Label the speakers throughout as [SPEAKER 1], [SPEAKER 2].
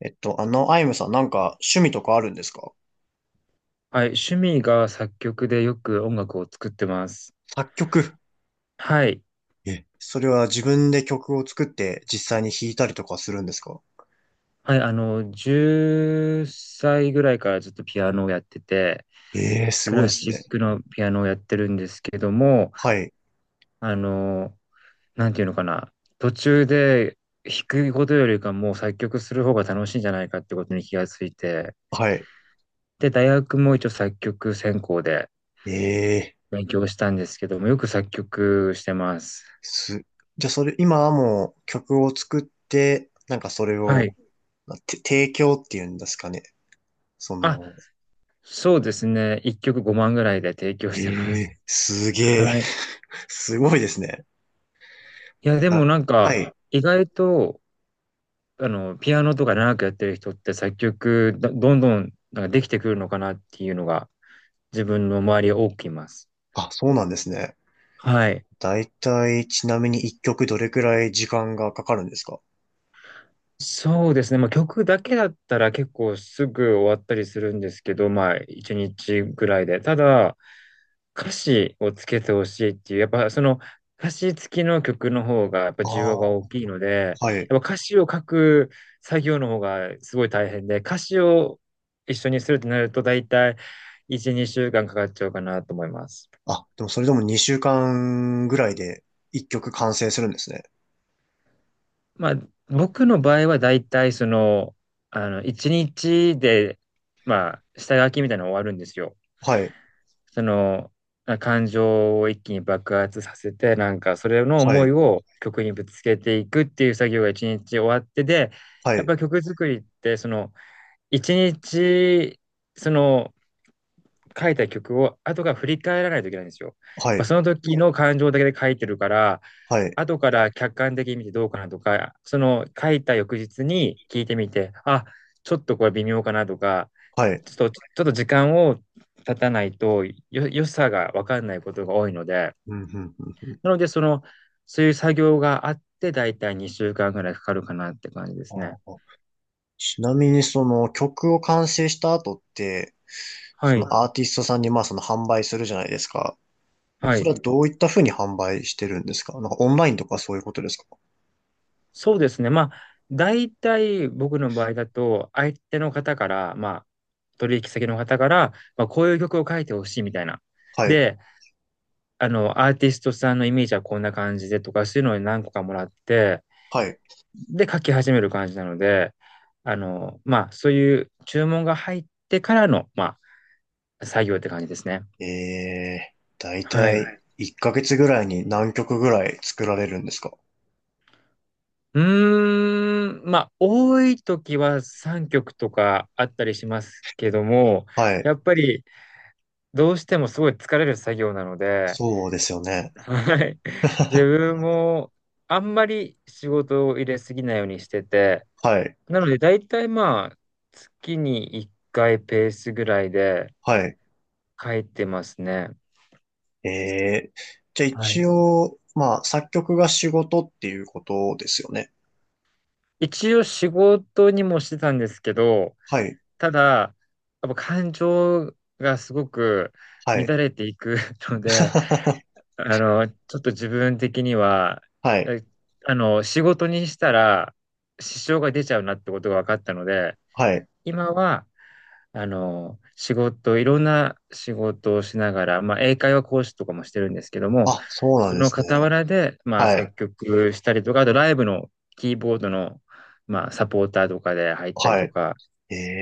[SPEAKER 1] アイムさん、なんか趣味とかあるんですか？
[SPEAKER 2] はい、趣味が作曲でよく音楽を作ってます。
[SPEAKER 1] 作曲。
[SPEAKER 2] はい。
[SPEAKER 1] え、それは自分で曲を作って実際に弾いたりとかするんですか？
[SPEAKER 2] はい、10歳ぐらいからずっとピアノをやってて、
[SPEAKER 1] ええー、す
[SPEAKER 2] ク
[SPEAKER 1] ごい
[SPEAKER 2] ラ
[SPEAKER 1] です
[SPEAKER 2] シッ
[SPEAKER 1] ね。
[SPEAKER 2] クのピアノをやってるんですけども、
[SPEAKER 1] はい、
[SPEAKER 2] あの、なんていうのかな、途中で弾くことよりかもう作曲する方が楽しいんじゃないかってことに気がついて、
[SPEAKER 1] はい。
[SPEAKER 2] で、大学も一応作曲専攻で
[SPEAKER 1] ええー、
[SPEAKER 2] 勉強したんですけども、よく作曲してます。
[SPEAKER 1] す、じゃあそれ、今はもう曲を作って、なんかそれ
[SPEAKER 2] は
[SPEAKER 1] を、
[SPEAKER 2] い。
[SPEAKER 1] まて提供っていうんですかね。そ
[SPEAKER 2] あ、
[SPEAKER 1] の、
[SPEAKER 2] そうですね。1曲5万ぐらいで提供
[SPEAKER 1] え
[SPEAKER 2] してま
[SPEAKER 1] え
[SPEAKER 2] す。
[SPEAKER 1] ー、す げえ、
[SPEAKER 2] はい。い
[SPEAKER 1] すごいですね。
[SPEAKER 2] や、で
[SPEAKER 1] な、
[SPEAKER 2] もなんか、
[SPEAKER 1] はい。
[SPEAKER 2] 意外と、ピアノとか長くやってる人って作曲どんどんなんかできてくるのかなっていうのが、自分の周り多くいます。
[SPEAKER 1] あ、そうなんですね。
[SPEAKER 2] はい。
[SPEAKER 1] だいたい、ちなみに一曲どれくらい時間がかかるんですか？
[SPEAKER 2] そうですね。まあ、曲だけだったら結構すぐ終わったりするんですけど、まあ、1日ぐらいで。ただ、歌詞をつけてほしいっていう、やっぱその歌詞付きの曲の方がやっぱ
[SPEAKER 1] あ
[SPEAKER 2] 需要
[SPEAKER 1] あ、
[SPEAKER 2] が大きいので、
[SPEAKER 1] はい。
[SPEAKER 2] やっぱ歌詞を書く作業の方がすごい大変で、歌詞を一緒にするとなると大体1、2週間かんかかっちゃうかなと思います。
[SPEAKER 1] あ、でもそれでも2週間ぐらいで1曲完成するんですね。
[SPEAKER 2] まあ僕の場合は大体その、1日で、まあ下書きみたいなの終わるんですよ。
[SPEAKER 1] はい、
[SPEAKER 2] その、感情を一気に爆発させて、なんかそれの
[SPEAKER 1] は
[SPEAKER 2] 思い
[SPEAKER 1] い、
[SPEAKER 2] を曲にぶつけていくっていう作業が一日終わってで、
[SPEAKER 1] は
[SPEAKER 2] やっ
[SPEAKER 1] い、
[SPEAKER 2] ぱ曲作りってその一日その書いた曲を後から振り返らないといけないんですよ。やっ
[SPEAKER 1] は
[SPEAKER 2] ぱ
[SPEAKER 1] い、
[SPEAKER 2] その時の感情だけで書いてるから、
[SPEAKER 1] はい、
[SPEAKER 2] 後から客観的に見てどうかなとか、その書いた翌日に聞いてみて、あ、ちょっとこれ微妙かなとか、
[SPEAKER 1] はい。
[SPEAKER 2] ちょっと時間を経たないと良さが分かんないことが多いので、
[SPEAKER 1] うん、うん、うん、うん。
[SPEAKER 2] なので、その、そういう作業があって、だいたい2週間ぐらいかかるかなって感じで
[SPEAKER 1] あ
[SPEAKER 2] すね。
[SPEAKER 1] あ、ちなみにその曲を完成した後って、
[SPEAKER 2] は
[SPEAKER 1] その
[SPEAKER 2] い。
[SPEAKER 1] アーティストさんにまあその販売するじゃないですか。
[SPEAKER 2] は
[SPEAKER 1] それ
[SPEAKER 2] い。
[SPEAKER 1] はどういった風に販売してるんですか？なんかオンラインとかそういうことですか？
[SPEAKER 2] そうですね。まあ、大体僕の場合だと、相手の方から、まあ、取引先の方から、まあ、こういう曲を書いてほしいみたいな。
[SPEAKER 1] はい、
[SPEAKER 2] で、アーティストさんのイメージはこんな感じでとか、そういうのを何個かもらって、
[SPEAKER 1] はい。
[SPEAKER 2] で書き始める感じなので、まあ、そういう注文が入ってからの、まあ、作業って感じですね。
[SPEAKER 1] ええ、だい
[SPEAKER 2] は
[SPEAKER 1] たい
[SPEAKER 2] い。
[SPEAKER 1] い。1ヶ月ぐらいに何曲ぐらい作られるんですか？
[SPEAKER 2] うーん、まあ、多い時は3曲とかあったりしますけども、
[SPEAKER 1] はい、
[SPEAKER 2] やっぱりどうしてもすごい疲れる作業なので、
[SPEAKER 1] そうですよね。
[SPEAKER 2] はい。自分もあんまり仕事を入れすぎないようにしてて、
[SPEAKER 1] はい、
[SPEAKER 2] なので大体まあ、月に1回ペースぐらいで
[SPEAKER 1] はい。
[SPEAKER 2] 書いてますね。
[SPEAKER 1] えー、じゃあ
[SPEAKER 2] は
[SPEAKER 1] 一
[SPEAKER 2] い。
[SPEAKER 1] 応、まあ、作曲が仕事っていうことですよね。
[SPEAKER 2] 一応仕事にもしてたんですけど、
[SPEAKER 1] はい、
[SPEAKER 2] ただ、やっぱ感情がすごく
[SPEAKER 1] はい。
[SPEAKER 2] 乱れていく ので、ちょっと自分的には、
[SPEAKER 1] はい、
[SPEAKER 2] えあの、仕事にしたら支障が出ちゃうなってことが分かったので、
[SPEAKER 1] はい。
[SPEAKER 2] 今は仕事、いろんな仕事をしながら、まあ、英会話講師とかもしてるんですけども、
[SPEAKER 1] あ、そうな
[SPEAKER 2] そ
[SPEAKER 1] んで
[SPEAKER 2] の
[SPEAKER 1] す
[SPEAKER 2] 傍
[SPEAKER 1] ね。
[SPEAKER 2] らで、まあ、
[SPEAKER 1] は
[SPEAKER 2] 作
[SPEAKER 1] い、
[SPEAKER 2] 曲したりとか、あとライブのキーボードの、まあ、サポーターとかで入ったり
[SPEAKER 1] は
[SPEAKER 2] と
[SPEAKER 1] い。
[SPEAKER 2] か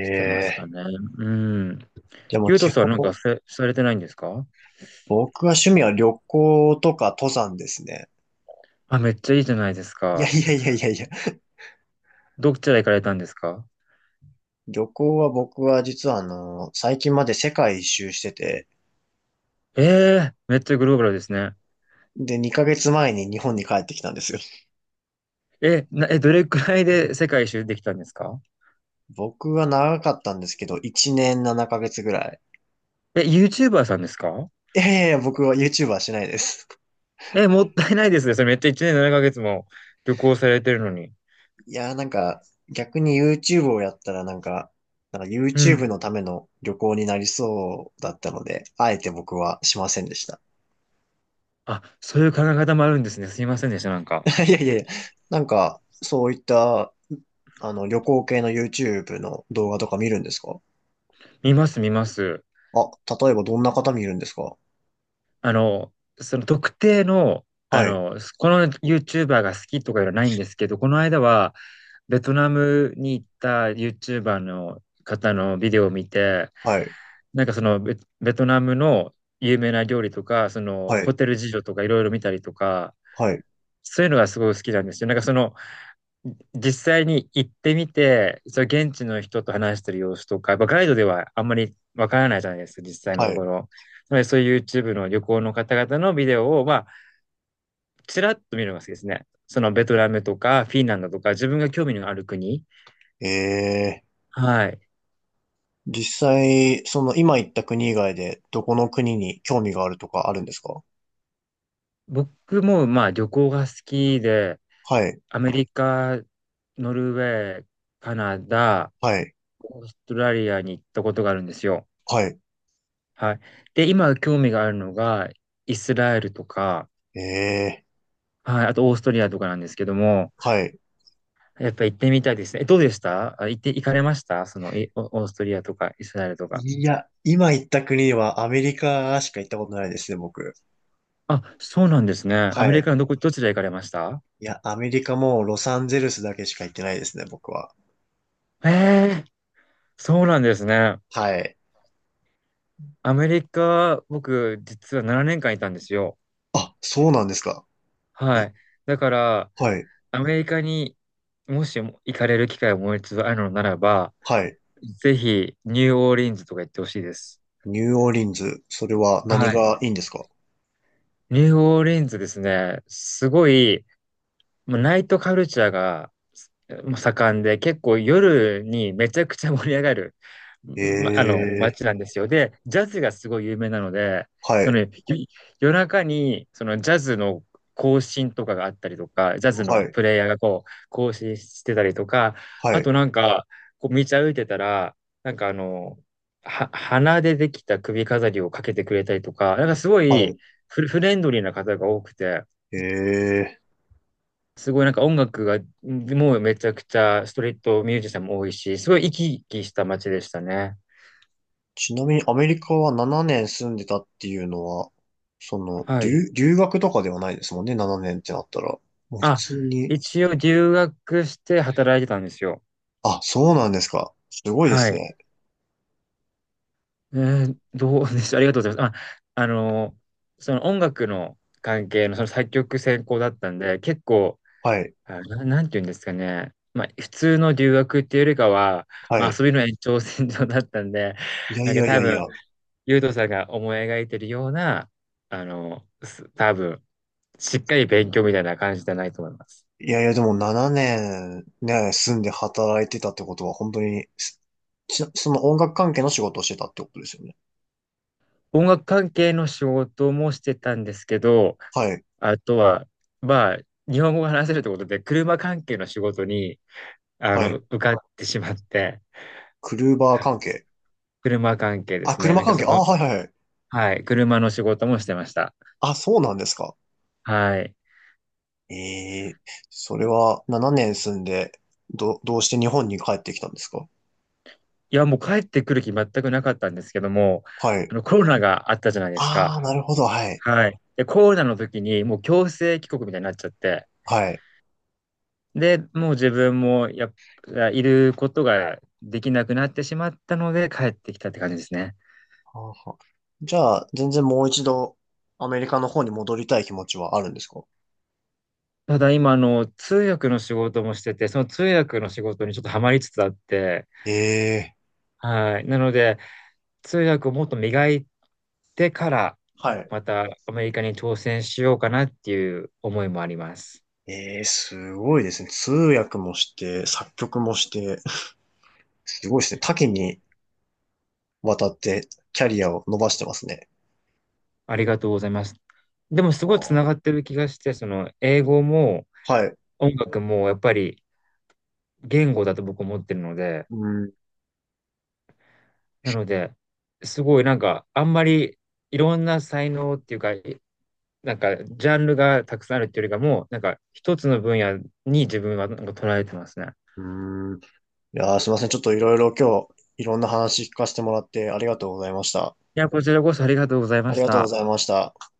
[SPEAKER 2] してますかね。うん。
[SPEAKER 1] でも
[SPEAKER 2] ゆうと
[SPEAKER 1] 基
[SPEAKER 2] さんはなんか
[SPEAKER 1] 本、
[SPEAKER 2] されてないんですか？
[SPEAKER 1] 僕は趣味は旅行とか登山ですね。
[SPEAKER 2] あ、めっちゃいいじゃないです
[SPEAKER 1] いや
[SPEAKER 2] か。
[SPEAKER 1] いやいやいやいや。
[SPEAKER 2] どちら行かれたんですか？
[SPEAKER 1] 旅行は僕は実は最近まで世界一周してて、
[SPEAKER 2] ええー、めっちゃグローバルですね。
[SPEAKER 1] で、2ヶ月前に日本に帰ってきたんですよ。
[SPEAKER 2] え、な、え、どれくらいで世界一周できたんですか？
[SPEAKER 1] 僕は長かったんですけど、1年7ヶ月ぐらい。
[SPEAKER 2] え、YouTuber さんですか？
[SPEAKER 1] いやいやいや、僕は YouTube はしないです。
[SPEAKER 2] え、もったいないですね。それめっちゃ1年7ヶ月も旅行されてるのに。
[SPEAKER 1] いやー、なんか、逆に YouTube をやったらなんか
[SPEAKER 2] う
[SPEAKER 1] YouTube
[SPEAKER 2] ん。
[SPEAKER 1] のための旅行になりそうだったので、あえて僕はしませんでした。
[SPEAKER 2] あ、そういう考え方もあるんですね。すいませんでした。なんか。
[SPEAKER 1] いやいやいや、なんか、そういった、旅行系の YouTube の動画とか見るんですか？
[SPEAKER 2] 見ます、見ます。
[SPEAKER 1] あ、例えばどんな方見るんですか？
[SPEAKER 2] あの、その特定の、
[SPEAKER 1] はい、
[SPEAKER 2] この YouTuber が好きとかいうのはないんですけど、この間はベトナムに行った YouTuber の方のビデオを見て、
[SPEAKER 1] はい、
[SPEAKER 2] なんかそのベトナムの有名な料理とか、その
[SPEAKER 1] は
[SPEAKER 2] ホ
[SPEAKER 1] い、
[SPEAKER 2] テル事情とかいろいろ見たりとか、
[SPEAKER 1] はい、
[SPEAKER 2] そういうのがすごい好きなんですよ。なんかその実際に行ってみて、それ現地の人と話してる様子とか、やっぱガイドではあんまりわからないじゃないですか、実際の
[SPEAKER 1] は
[SPEAKER 2] とこ
[SPEAKER 1] い。
[SPEAKER 2] ろ。つまりそういう YouTube の旅行の方々のビデオを、まあ、ちらっと見るのが好きですね。そのベトナムとかフィンランドとか自分が興味のある国。
[SPEAKER 1] ええ、
[SPEAKER 2] はい。
[SPEAKER 1] 実際、その今行った国以外で、どこの国に興味があるとかあるんですか？
[SPEAKER 2] 僕もまあ旅行が好きで、
[SPEAKER 1] はい。
[SPEAKER 2] アメリカ、ノルウェー、カナダ、
[SPEAKER 1] はい
[SPEAKER 2] オーストラリアに行ったことがあるんですよ。
[SPEAKER 1] はい。
[SPEAKER 2] はい。で、今興味があるのがイスラエルとか、
[SPEAKER 1] ええ、
[SPEAKER 2] はい、あとオーストリアとかなんですけども、
[SPEAKER 1] はい。
[SPEAKER 2] やっぱ行ってみたいですね。え、どうでした？あ、行って、行かれましたその、オーストリアとかイスラエルとか？
[SPEAKER 1] いや、今行った国はアメリカしか行ったことないですね、僕。
[SPEAKER 2] あ、そうなんですね。ア
[SPEAKER 1] は
[SPEAKER 2] メリ
[SPEAKER 1] い。
[SPEAKER 2] カのどちら行かれました？
[SPEAKER 1] いや、アメリカもロサンゼルスだけしか行ってないですね、僕は。
[SPEAKER 2] ええ、そうなんですね。
[SPEAKER 1] はい。
[SPEAKER 2] アメリカ、僕、実は7年間いたんですよ。
[SPEAKER 1] あ、そうなんですか。
[SPEAKER 2] は
[SPEAKER 1] え、
[SPEAKER 2] い。だから、
[SPEAKER 1] はい。
[SPEAKER 2] アメリカにもし行かれる機会をもう一度あるのならば、
[SPEAKER 1] はい。
[SPEAKER 2] ぜひ、ニューオーリンズとか行ってほしいです。
[SPEAKER 1] ニューオーリンズ、それは
[SPEAKER 2] は
[SPEAKER 1] 何
[SPEAKER 2] い。
[SPEAKER 1] がいいんですか？
[SPEAKER 2] ニューオーリンズですね。すごい、もうナイトカルチャーがもう盛んで、結構夜にめちゃくちゃ盛り上がる、
[SPEAKER 1] え
[SPEAKER 2] ま、街な
[SPEAKER 1] え、
[SPEAKER 2] んですよ。で、ジャズがすごい有名なので、
[SPEAKER 1] は
[SPEAKER 2] その、
[SPEAKER 1] い。
[SPEAKER 2] 夜中に、そのジャズの更新とかがあったりとか、ジャズ
[SPEAKER 1] は
[SPEAKER 2] の
[SPEAKER 1] い。
[SPEAKER 2] プレイヤーがこう、更新してたりとか、
[SPEAKER 1] は
[SPEAKER 2] あ
[SPEAKER 1] い。
[SPEAKER 2] となんか、こう道歩いてたら、なんか花でできた首飾りをかけてくれたりとか、なんかすご
[SPEAKER 1] は
[SPEAKER 2] い
[SPEAKER 1] い。
[SPEAKER 2] フルフレンドリーな方が多くて、
[SPEAKER 1] ええ。
[SPEAKER 2] すごいなんか音楽が、もうめちゃくちゃストリートミュージシャンも多いし、すごい生き生きした街でしたね。
[SPEAKER 1] ちなみにアメリカは7年住んでたっていうのは、
[SPEAKER 2] はい。
[SPEAKER 1] 留学とかではないですもんね、7年ってなったら。もう普
[SPEAKER 2] あ、
[SPEAKER 1] 通に。
[SPEAKER 2] 一応留学して働いてたんですよ。
[SPEAKER 1] あ、そうなんですか。すごいで
[SPEAKER 2] は
[SPEAKER 1] す
[SPEAKER 2] い。
[SPEAKER 1] ね。
[SPEAKER 2] えどうでした？ありがとうございます。あ、その音楽の関係のその作曲専攻だったんで、結構、
[SPEAKER 1] はい、
[SPEAKER 2] あ、なんていうんですかね。まあ、普通の留学っていうよりかは、
[SPEAKER 1] は
[SPEAKER 2] まあ、
[SPEAKER 1] い。
[SPEAKER 2] 遊びの延長線上だったんで、
[SPEAKER 1] いや
[SPEAKER 2] な
[SPEAKER 1] い
[SPEAKER 2] んか
[SPEAKER 1] やい
[SPEAKER 2] 多
[SPEAKER 1] やい
[SPEAKER 2] 分、
[SPEAKER 1] や。
[SPEAKER 2] ゆうとさんが思い描いてるような、多分、しっかり勉強みたいな感じじゃないと思います。
[SPEAKER 1] いやいや、でも7年ねんね、住んで働いてたってことは、本当に、その音楽関係の仕事をしてたってことですよね。
[SPEAKER 2] 音楽関係の仕事もしてたんですけど、
[SPEAKER 1] はい、
[SPEAKER 2] あとは、まあ、日本語が話せるってことで、車関係の仕事に、
[SPEAKER 1] はい。
[SPEAKER 2] 受かってしまって、
[SPEAKER 1] クルーバ
[SPEAKER 2] は
[SPEAKER 1] ー
[SPEAKER 2] い、
[SPEAKER 1] 関係。
[SPEAKER 2] 車関係で
[SPEAKER 1] あ、
[SPEAKER 2] すね。
[SPEAKER 1] 車
[SPEAKER 2] なんか
[SPEAKER 1] 関係。
[SPEAKER 2] そ
[SPEAKER 1] あ、
[SPEAKER 2] の、
[SPEAKER 1] はいはいはい。
[SPEAKER 2] はい、車の仕事もしてました。
[SPEAKER 1] あ、そうなんですか。
[SPEAKER 2] はい。
[SPEAKER 1] ええ、それは7年住んで、どうして日本に帰ってきたんですか？
[SPEAKER 2] いや、もう帰ってくる気全くなかったんですけども、
[SPEAKER 1] はい。
[SPEAKER 2] コロナがあったじゃないです
[SPEAKER 1] あ
[SPEAKER 2] か。
[SPEAKER 1] あ、なるほど、はい。
[SPEAKER 2] はい。で、コロナの時にもう強制帰国みたいになっちゃって、
[SPEAKER 1] はい。
[SPEAKER 2] で、もう自分もやっぱいることができなくなってしまったので帰ってきたって感じですね。
[SPEAKER 1] はあはあ、じゃあ、全然もう一度、アメリカの方に戻りたい気持ちはあるんですか？
[SPEAKER 2] ただ今、通訳の仕事もしてて、その通訳の仕事にちょっとハマりつつあって、
[SPEAKER 1] ええ、
[SPEAKER 2] はい。なので、通訳をもっと磨いてから、
[SPEAKER 1] はい。
[SPEAKER 2] またアメリカに挑戦しようかなっていう思いもあります。
[SPEAKER 1] ええ、すごいですね。通訳もして、作曲もして、すごいですね。多岐にわたってキャリアを伸ばしてますね。
[SPEAKER 2] ありがとうございます。でもすごいつな
[SPEAKER 1] は
[SPEAKER 2] がってる気がして、その英語も、
[SPEAKER 1] あ、はい。
[SPEAKER 2] 音楽もやっぱり言語だと僕思ってるので、
[SPEAKER 1] うん。
[SPEAKER 2] なので、すごいなんかあんまりいろんな才能っていうか、なんかジャンルがたくさんあるっていうよりかも、なんか一つの分野に自分はなんか捉えてますね。
[SPEAKER 1] うん。いやー、すいません。ちょっといろいろ今日、いろんな話聞かせてもらってありがとうございました。
[SPEAKER 2] いや、こちらこそありがとうございま
[SPEAKER 1] あり
[SPEAKER 2] し
[SPEAKER 1] がとうご
[SPEAKER 2] た。
[SPEAKER 1] ざいました。